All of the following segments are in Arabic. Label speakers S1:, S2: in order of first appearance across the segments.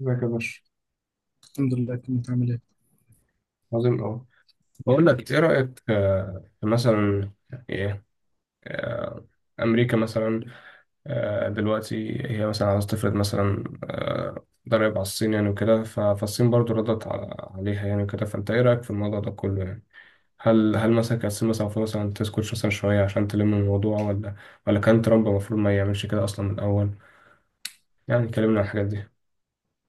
S1: ازيك يا باشا.
S2: الحمد لله، كنت عامل ايه؟
S1: عظيم أوي. بقول لك إيه رأيك في مثلا إيه آه، أمريكا مثلا، دلوقتي هي مثلا عاوزة تفرض مثلا ضرائب على الصين، يعني وكده، ف- فالصين برضو ردت عليها، يعني وكده، فأنت إيه رأيك في الموضوع ده كله يعني؟ هل مثلا كانت الصين مثلا المفروض مثلا تسكت مثلا شوية عشان تلم الموضوع، ولا كان ترامب المفروض ما يعملش كده أصلا من الأول؟ يعني كلمنا عن الحاجات دي.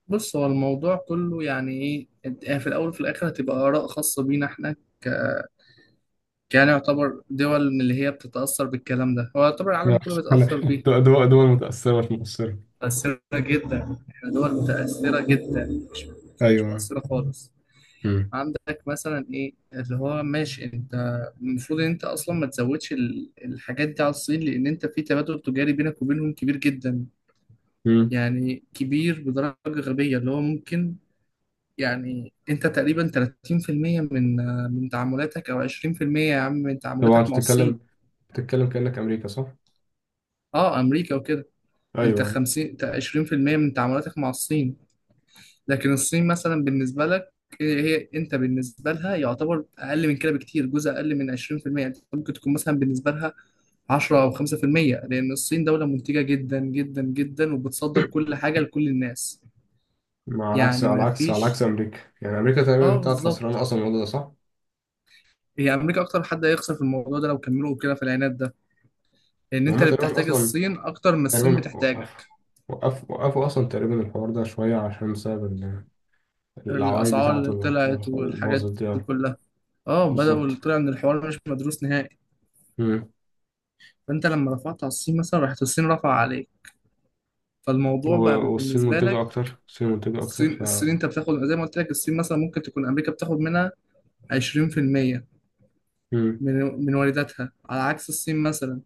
S2: بص، هو الموضوع كله يعني ايه، يعني في الاول وفي الاخر هتبقى اراء خاصه بينا احنا يعني يعتبر دول من اللي هي بتتاثر بالكلام ده، هو يعتبر
S1: يا
S2: العالم كله
S1: أخي، أنا
S2: بيتاثر بيه.
S1: دول متأثرة مش مقصرة.
S2: متاثره جدا، احنا دول متاثره جدا، مش
S1: ايوه.
S2: مؤثره خالص.
S1: مم.
S2: عندك مثلا ايه اللي هو ماشي. انت المفروض ان انت اصلا ما تزودش الحاجات دي على الصين، لان انت في تبادل تجاري بينك وبينهم كبير جدا،
S1: مم.
S2: يعني كبير بدرجه غبيه اللي هو ممكن. يعني انت تقريبا 30% من تعاملاتك، او 20% يا عم من
S1: طبعا
S2: تعاملاتك
S1: انت
S2: مع الصين.
S1: بتتكلم، كأنك أمريكا، صح؟
S2: اه، امريكا وكده. انت
S1: ايوه.
S2: 50 20% من تعاملاتك مع الصين، لكن الصين مثلا بالنسبه لك، هي انت بالنسبه لها يعتبر اقل من كده بكتير، جزء اقل من 20%. انت ممكن تكون مثلا بالنسبه لها 10 او 5%، لان الصين دوله منتجه جدا جدا جدا وبتصدر كل حاجه لكل الناس.
S1: ما على عكس
S2: يعني ما فيش.
S1: أمريكا، يعني أمريكا
S2: اه،
S1: تقريبا طلعت
S2: بالظبط.
S1: خسرانة أصلا، الموضوع ده، صح؟
S2: هي امريكا اكتر حد هيخسر في الموضوع ده لو كملوا كده في العناد ده، ان
S1: يعني
S2: انت
S1: هما
S2: اللي
S1: تقريبا
S2: بتحتاج
S1: أصلا،
S2: الصين اكتر ما الصين
S1: تقريبا
S2: بتحتاجك.
S1: وقفوا أصلا تقريبا الحوار ده شوية عشان بسبب العوايد
S2: الاسعار
S1: بتاعته،
S2: اللي
S1: اللي
S2: طلعت
S1: اللي
S2: والحاجات
S1: باظت دي
S2: دي
S1: يعني.
S2: كلها، اه بدأوا، اللي
S1: بالظبط.
S2: طلع ان الحوار مش مدروس نهائي.
S1: مم.
S2: فانت لما رفعت على الصين مثلا، راحت الصين رفع عليك،
S1: و-
S2: فالموضوع بقى
S1: والصين
S2: بالنسبة
S1: منتجة
S2: لك.
S1: أكتر،
S2: الصين،
S1: ف...
S2: الصين انت بتاخد زي ما قلت لك، الصين مثلا ممكن تكون امريكا بتاخد منها 20%
S1: مم.
S2: من من وارداتها، على عكس الصين مثلا.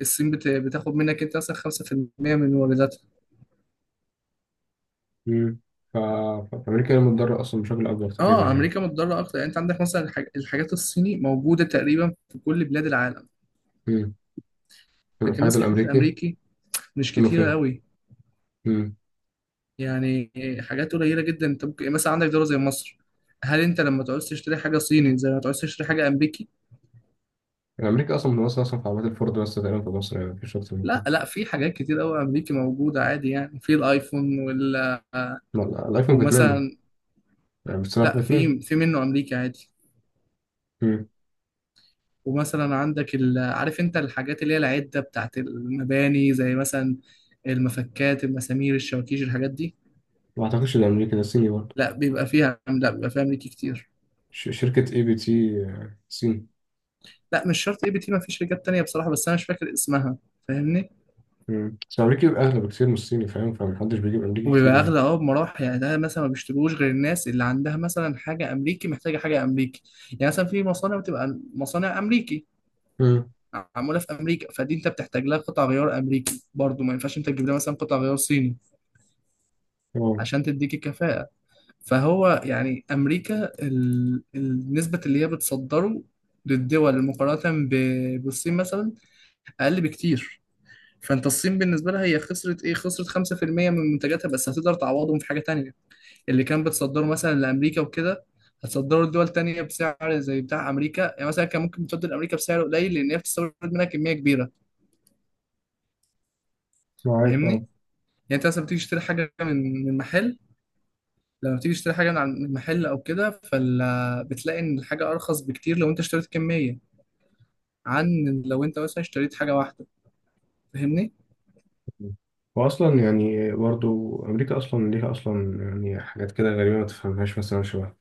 S2: الصين بتاخد منك انت مثلا 5% من وارداتها.
S1: مم. ف... ف- فأمريكا هي المتضررة أصلا بشكل أكبر تقريبا
S2: اه،
S1: يعني.
S2: امريكا متضرره اكتر. يعني انت عندك مثلا الحاجات الصيني موجوده تقريبا في كل بلاد العالم،
S1: مم.
S2: لكن
S1: الاتحاد
S2: مثلا الحاجات
S1: الأمريكي
S2: الامريكي مش
S1: فين
S2: كتيرة
S1: وفين.
S2: قوي. يعني حاجات قليلة جدا. انت ممكن مثلا عندك دولة زي مصر، هل انت لما تعوز تشتري حاجة صيني زي ما تعوز تشتري حاجة امريكي؟
S1: الأمريكي أصلا منوصل أصلا في عربيات الفورد بس تقريبا في مصر، يعني مفيش أكتر من
S2: لا
S1: كده.
S2: لا، في حاجات كتير قوي امريكي موجودة عادي، يعني في الايفون وال آه،
S1: لا، الأيفون فيتنامي،
S2: ومثلا،
S1: يعني بتصنع في
S2: لا
S1: فيتنام.
S2: في في منه امريكي عادي.
S1: مم.
S2: ومثلا عندك عارف انت الحاجات اللي هي العدة بتاعت المباني، زي مثلا المفكات، المسامير، الشواكيش، الحاجات دي.
S1: ما أعتقدش ده أمريكي، ده صيني برضه.
S2: لا بيبقى فيها، لا بيبقى فيها امريكي كتير.
S1: شركة أي بي تي، صيني.
S2: لا مش شرط اي بي تي، ما فيش رجال تانية بصراحة بس انا مش فاكر اسمها. فاهمني.
S1: مم. بس الأمريكي بيبقى أغلى بكتير من الصيني، فاهم، فمحدش بيجيب أمريكي
S2: وبيبقى
S1: كتير يعني.
S2: اغلى اه، بمراحل. يعني ده مثلا ما بيشتروش غير الناس اللي عندها مثلا حاجه امريكي محتاجه حاجه امريكي. يعني مثلا في مصانع بتبقى مصانع امريكي
S1: مم.
S2: معموله في امريكا، فدي انت بتحتاج لها قطع غيار امريكي برضو، ما ينفعش انت تجيب لها مثلا قطع غيار صيني
S1: أه.
S2: عشان تديك الكفاءه. فهو يعني امريكا النسبه اللي هي بتصدره للدول مقارنه بالصين مثلا، اقل بكتير. فانت الصين بالنسبه لها هي خسرت ايه، خسرت 5% من منتجاتها، بس هتقدر تعوضهم في حاجه تانية. اللي كان بتصدره مثلا لامريكا وكده هتصدره لدول تانية بسعر زي بتاع امريكا. يعني مثلا كان ممكن تصدر لامريكا بسعر قليل لان هي بتستورد منها كميه كبيره.
S1: معاك،
S2: فاهمني؟
S1: أه.
S2: يعني انت مثلا بتيجي تشتري حاجه من محل، لما بتيجي تشتري حاجه من من محل او كده، فال بتلاقي ان الحاجه ارخص بكتير لو انت اشتريت كميه، عن لو انت مثلا اشتريت حاجه واحده. فاهمني؟
S1: وأصلا يعني برضه، أمريكا أصلا ليها أصلا يعني حاجات كده غريبة ما تفهمهاش مثلا، شبه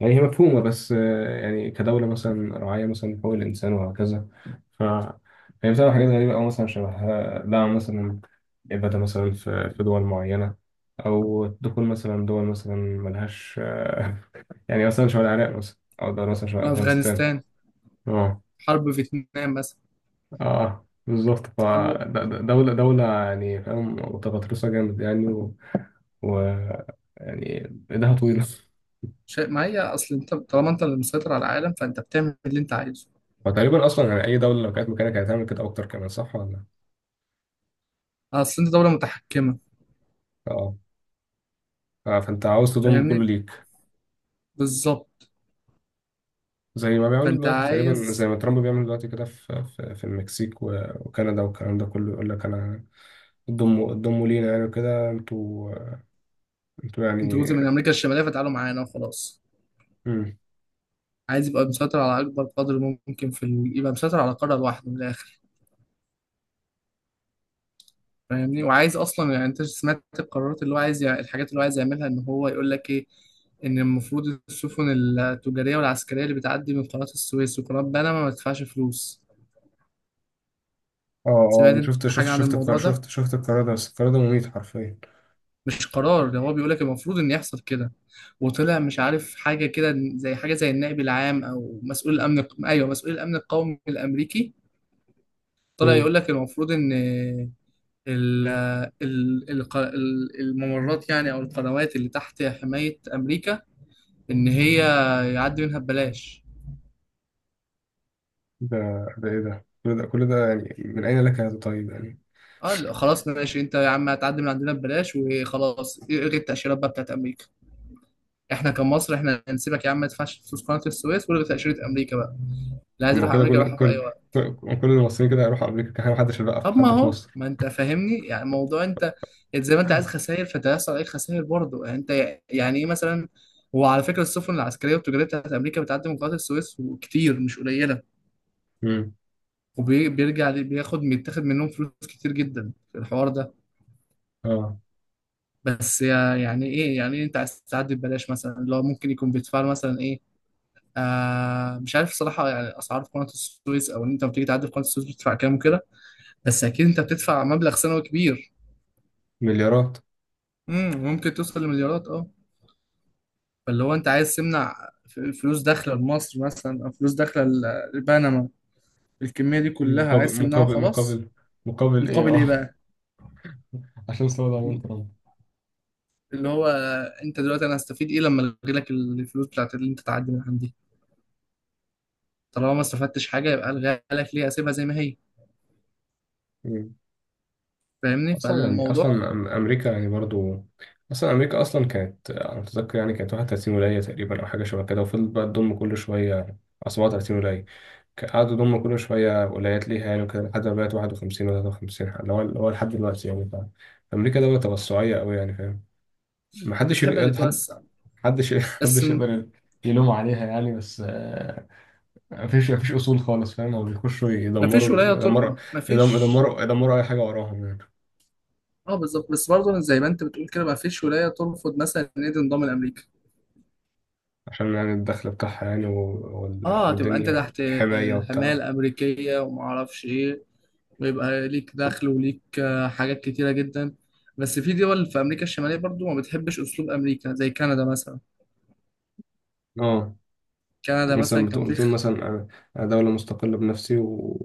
S1: يعني هي مفهومة، بس يعني كدولة مثلا راعية مثلا حقوق الإنسان وهكذا، ف هي بتعمل حاجات غريبة، أو مثلا شبه دعم مثلا إبادة مثلا في دول معينة، أو دخول مثلا دول مثلا ملهاش، يعني مثلا شبه العراق مثلا، أو دول مثلا شبه أفغانستان.
S2: افغانستان.
S1: أه.
S2: حرب فيتنام مثلا.
S1: أه بالظبط، ف
S2: حرب
S1: دولة دولة يعني فاهم، متغطرسة جامد يعني، و... يعني إيدها طويلة.
S2: شيء ما. هي اصل انت طالما انت اللي مسيطر على العالم فانت بتعمل اللي انت عايزه.
S1: فتقريبا أصلا يعني أي دولة لو كانت مكانك هتعمل كده أكتر كمان، صح ولا؟
S2: اصل انت دوله متحكمه.
S1: أه. اه، فانت عاوز تضم كله
S2: فاهمني.
S1: ليك،
S2: بالظبط.
S1: زي ما بيعملوا
S2: فانت
S1: دلوقتي، تقريبا زي
S2: عايز،
S1: ما ترامب بيعمل دلوقتي كده، في المكسيك وكندا، والكلام ده كله يقول لك انا، ضموا لينا، يعني كده انتوا،
S2: انت
S1: يعني.
S2: جزء من امريكا الشماليه، فتعالوا معانا وخلاص.
S1: مم.
S2: عايز يبقى مسيطر على اكبر قدر ممكن في يبقى مسيطر على قاره لوحده من الاخر. فاهمني. وعايز اصلا، يعني انت سمعت القرارات اللي هو عايز الحاجات اللي هو عايز يعملها، ان هو يقول لك ايه، ان المفروض السفن التجاريه والعسكريه اللي بتعدي من قناه السويس وقناه بنما ما تدفعش فلوس.
S1: اه،
S2: سمعت
S1: اه، شفت
S2: انت
S1: شفت
S2: حاجه عن
S1: شفت القرار
S2: الموضوع ده؟
S1: شفت شفت القرار ده، بس القرار ده مميت حرفيا.
S2: مش قرار، ده هو بيقول لك المفروض ان يحصل كده. وطلع مش عارف حاجه كده زي حاجه زي النائب العام او مسؤول الامن، ايوه مسؤول الامن القومي الامريكي، طلع
S1: مم.
S2: يقول لك المفروض ان ال الممرات، يعني او القنوات اللي تحت حماية امريكا، ان هي يعدي منها ببلاش.
S1: ده ده ايه، ده كل ده كل ده يعني، من اين لك هذا، طيب يعني.
S2: اه لا، خلاص ماشي. انت يا عم هتعدي من عندنا ببلاش وخلاص، الغي التأشيرات بقى بتاعت امريكا. احنا كمصر احنا هنسيبك يا عم ما تدفعش فلوس قناة السويس، والغي تأشيرة امريكا بقى، اللي عايز يروح
S1: هما كده
S2: امريكا
S1: كل
S2: يروح في اي
S1: كل
S2: وقت.
S1: كل كل المصريين كده هيروحوا امريكا، كان محدش بقى، في
S2: طب ما
S1: حد في
S2: هو،
S1: مصر.
S2: ما انت فاهمني، يعني موضوع انت، انت زي ما انت عايز خسائر فانت هيحصل عليك خسائر برضه، يعني انت يعني ايه مثلا. هو على فكره السفن العسكريه والتجاريه بتاعت امريكا بتعدي من قناه السويس وكتير مش قليله،
S1: مم.
S2: وبيرجع بياخد، بيتاخد منهم فلوس كتير جدا في الحوار ده.
S1: اه.
S2: بس يعني ايه، يعني إيه انت عايز تعدي ببلاش مثلا؟ اللي هو ممكن يكون بيدفع له مثلا ايه؟ مش عارف الصراحه يعني اسعار في قناه السويس، او ان انت لما بتيجي تعدي في قناه السويس بتدفع كام وكده، بس اكيد انت بتدفع مبلغ سنوي كبير.
S1: مليارات.
S2: ممكن توصل لمليارات، اه. فاللي هو انت عايز تمنع فلوس داخله لمصر مثلا، او فلوس داخله لبنما، الكميه دي كلها
S1: مقابل
S2: عايز تمنعها
S1: مقابل
S2: وخلاص.
S1: مقابل مقابل ايه،
S2: مقابل ايه
S1: اه.
S2: بقى؟
S1: عشان صوره دونالد ترامب.
S2: اللي هو انت دلوقتي، انا هستفيد ايه لما الغي لك الفلوس بتاعت اللي انت تعدي من عندي؟ طالما ما استفدتش حاجه، يبقى الغيها لك ليه، اسيبها زي ما هي.
S1: مم.
S2: فاهمني؟
S1: اصلا يعني
S2: فالموضوع،
S1: اصلا، امريكا يعني برضو، اصلا امريكا اصلا كانت، انا متذكر يعني كانت 31 ولايه تقريبا، او حاجه شبه كده، وفضلت بقى تضم كل شويه، أو 37 ولايه، قعدوا يضموا كل شويه ولايات ليها يعني، وكده لحد ما بقت 51 و53، اللي هو لحد دلوقتي يعني، ف- فامريكا دوله توسعيه قوي يعني فاهم. محدش
S2: بتحب
S1: يل- حد
S2: تتوسع.
S1: حدش
S2: بس
S1: محدش يقدر يلوم عليها يعني، بس مفيش اصول خالص فاهم، هو بيخشوا
S2: مفيش ولايه مفيش.
S1: يدمروا, اي حاجه وراهم يعني.
S2: اه بالظبط، بس برضه زي ما انت بتقول كده، مفيش ولايه ترفض مثلا ان هي تنضم لامريكا.
S1: عشان يعني الدخل بتاعها يعني و- وال-
S2: اه، تبقى انت
S1: والدنيا
S2: تحت
S1: والحمايه
S2: حماية
S1: وبتاع.
S2: الامريكيه وما اعرفش ايه، ويبقى ليك دخل وليك حاجات كتيرة جدا. بس في دول في أمريكا الشمالية برضو ما بتحبش أسلوب أمريكا، زي كندا مثلا.
S1: اه.
S2: كندا مثلا
S1: مثلا
S2: كان في
S1: بتقول مثلا انا، أنا دوله مستقله بنفسي، و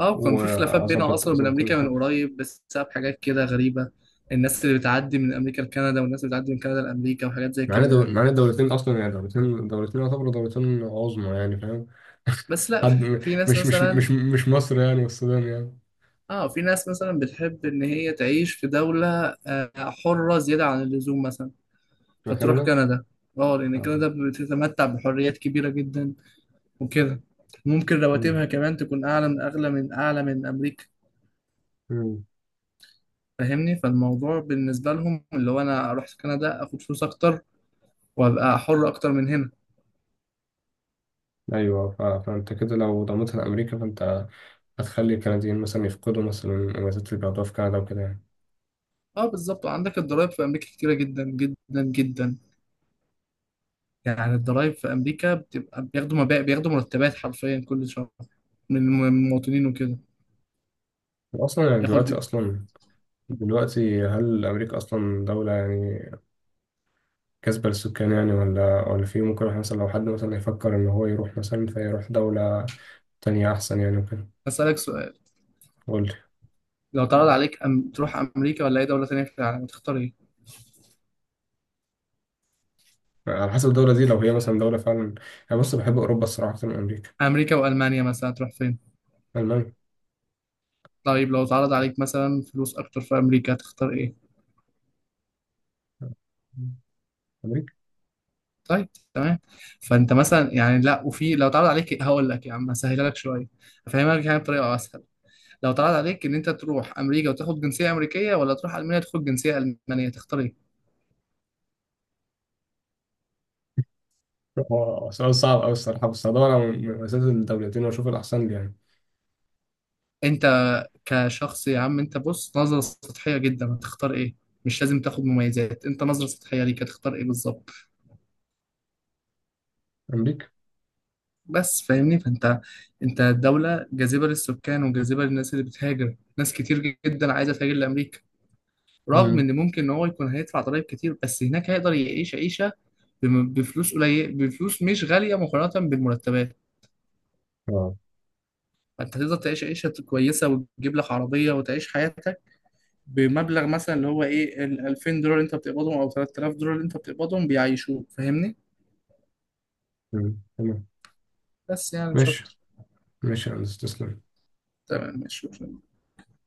S2: اه كان في خلافات بينها
S1: واظبط
S2: أصلا وبين
S1: اظبط كل
S2: أمريكا
S1: حاجه.
S2: من قريب بسبب حاجات كده غريبة. الناس اللي بتعدي من أمريكا لكندا والناس اللي بتعدي من كندا لأمريكا وحاجات زي
S1: معانا
S2: كده يعني.
S1: معانا دولتين اصلا يعني، دولتين يعتبروا دولتين عظمى يعني فاهم.
S2: بس لا،
S1: حد
S2: في في ناس مثلا،
S1: مش مصر يعني والسودان يعني.
S2: اه في ناس مثلا بتحب إن هي تعيش في دولة حرة زيادة عن اللزوم مثلا،
S1: مش
S2: فتروح
S1: كندا.
S2: كندا. اه لأن
S1: اه.
S2: كندا بتتمتع بحريات كبيرة جدا وكده. ممكن
S1: مم.
S2: رواتبها كمان تكون أعلى من، أغلى من، أعلى من أمريكا.
S1: مم.
S2: فاهمني؟ فالموضوع بالنسبة لهم اللي هو أنا أروح كندا أخد فلوس أكتر، وأبقى حر أكتر من هنا.
S1: ايوه، فانت كده لو ضمتها لامريكا فانت هتخلي الكنديين مثلا يفقدوا مثلا المميزات اللي بياخدوها في كندا وكده يعني.
S2: أه بالظبط، وعندك الضرايب في أمريكا كتيرة جدا جدا جدا. يعني الضرايب في أمريكا بتبقى، بياخدوا مبالغ، بياخدوا مرتبات حرفيا كل شهر من من المواطنين وكده.
S1: أصلا يعني
S2: ياخد،
S1: دلوقتي، أصلا دلوقتي هل أمريكا أصلا دولة يعني كاسبة للسكان يعني، ولا في ممكن واحد مثلا لو حد مثلا يفكر إن هو يروح مثلا، فيروح دولة تانية أحسن يعني وكده؟
S2: أسألك سؤال،
S1: قول لي.
S2: لو اتعرض عليك تروح أمريكا ولا أي دولة تانية في العالم، تختار إيه؟
S1: على حسب الدولة دي، لو هي مثلا دولة فعلا، أنا بص بحب أوروبا الصراحة أكتر من أمريكا.
S2: أمريكا وألمانيا مثلا، تروح فين؟
S1: ألمانيا.
S2: طيب لو اتعرض عليك مثلا فلوس أكتر في أمريكا هتختار إيه؟
S1: أمريكا.
S2: طيب، تمام. فانت مثلا، يعني لا، وفي لو اتعرض عليك، هقول لك يا عم هسهلها لك شويه، هفهمك يعني بطريقه اسهل. لو اتعرض عليك ان انت تروح امريكا وتاخد جنسيه امريكيه، ولا تروح المانيا تاخد جنسيه المانيه، تختار ايه؟
S1: هو سؤال صعب أوي الصراحة، بس هدور على مميزات الدولتين وأشوف الأحسن لي يعني.
S2: انت كشخص يا عم، انت بص نظره سطحيه جدا، هتختار ايه؟ مش لازم تاخد مميزات، انت نظره سطحيه ليك هتختار ايه بالظبط؟
S1: أمريكا.
S2: بس فاهمني. فانت انت دوله جاذبه للسكان وجاذبه للناس اللي بتهاجر، ناس كتير جدا عايزه تهاجر لامريكا، رغم
S1: امم.
S2: ان ممكن ان هو يكون هيدفع ضرايب كتير، بس هناك هيقدر يعيش عيشه بفلوس قليل، بفلوس مش غاليه مقارنه بالمرتبات.
S1: اه.
S2: فانت تقدر تعيش عيشه كويسه وتجيب لك عربيه وتعيش حياتك بمبلغ مثلا اللي هو ايه، ال 2000 دولار اللي انت بتقبضهم او 3000 دولار اللي انت بتقبضهم بيعيشوك. فاهمني؟
S1: امم، تمام،
S2: بس يعني مش
S1: ماشي.
S2: اكتر.
S1: ماشي يا هندسة، تسلم.
S2: تمام، ماشي.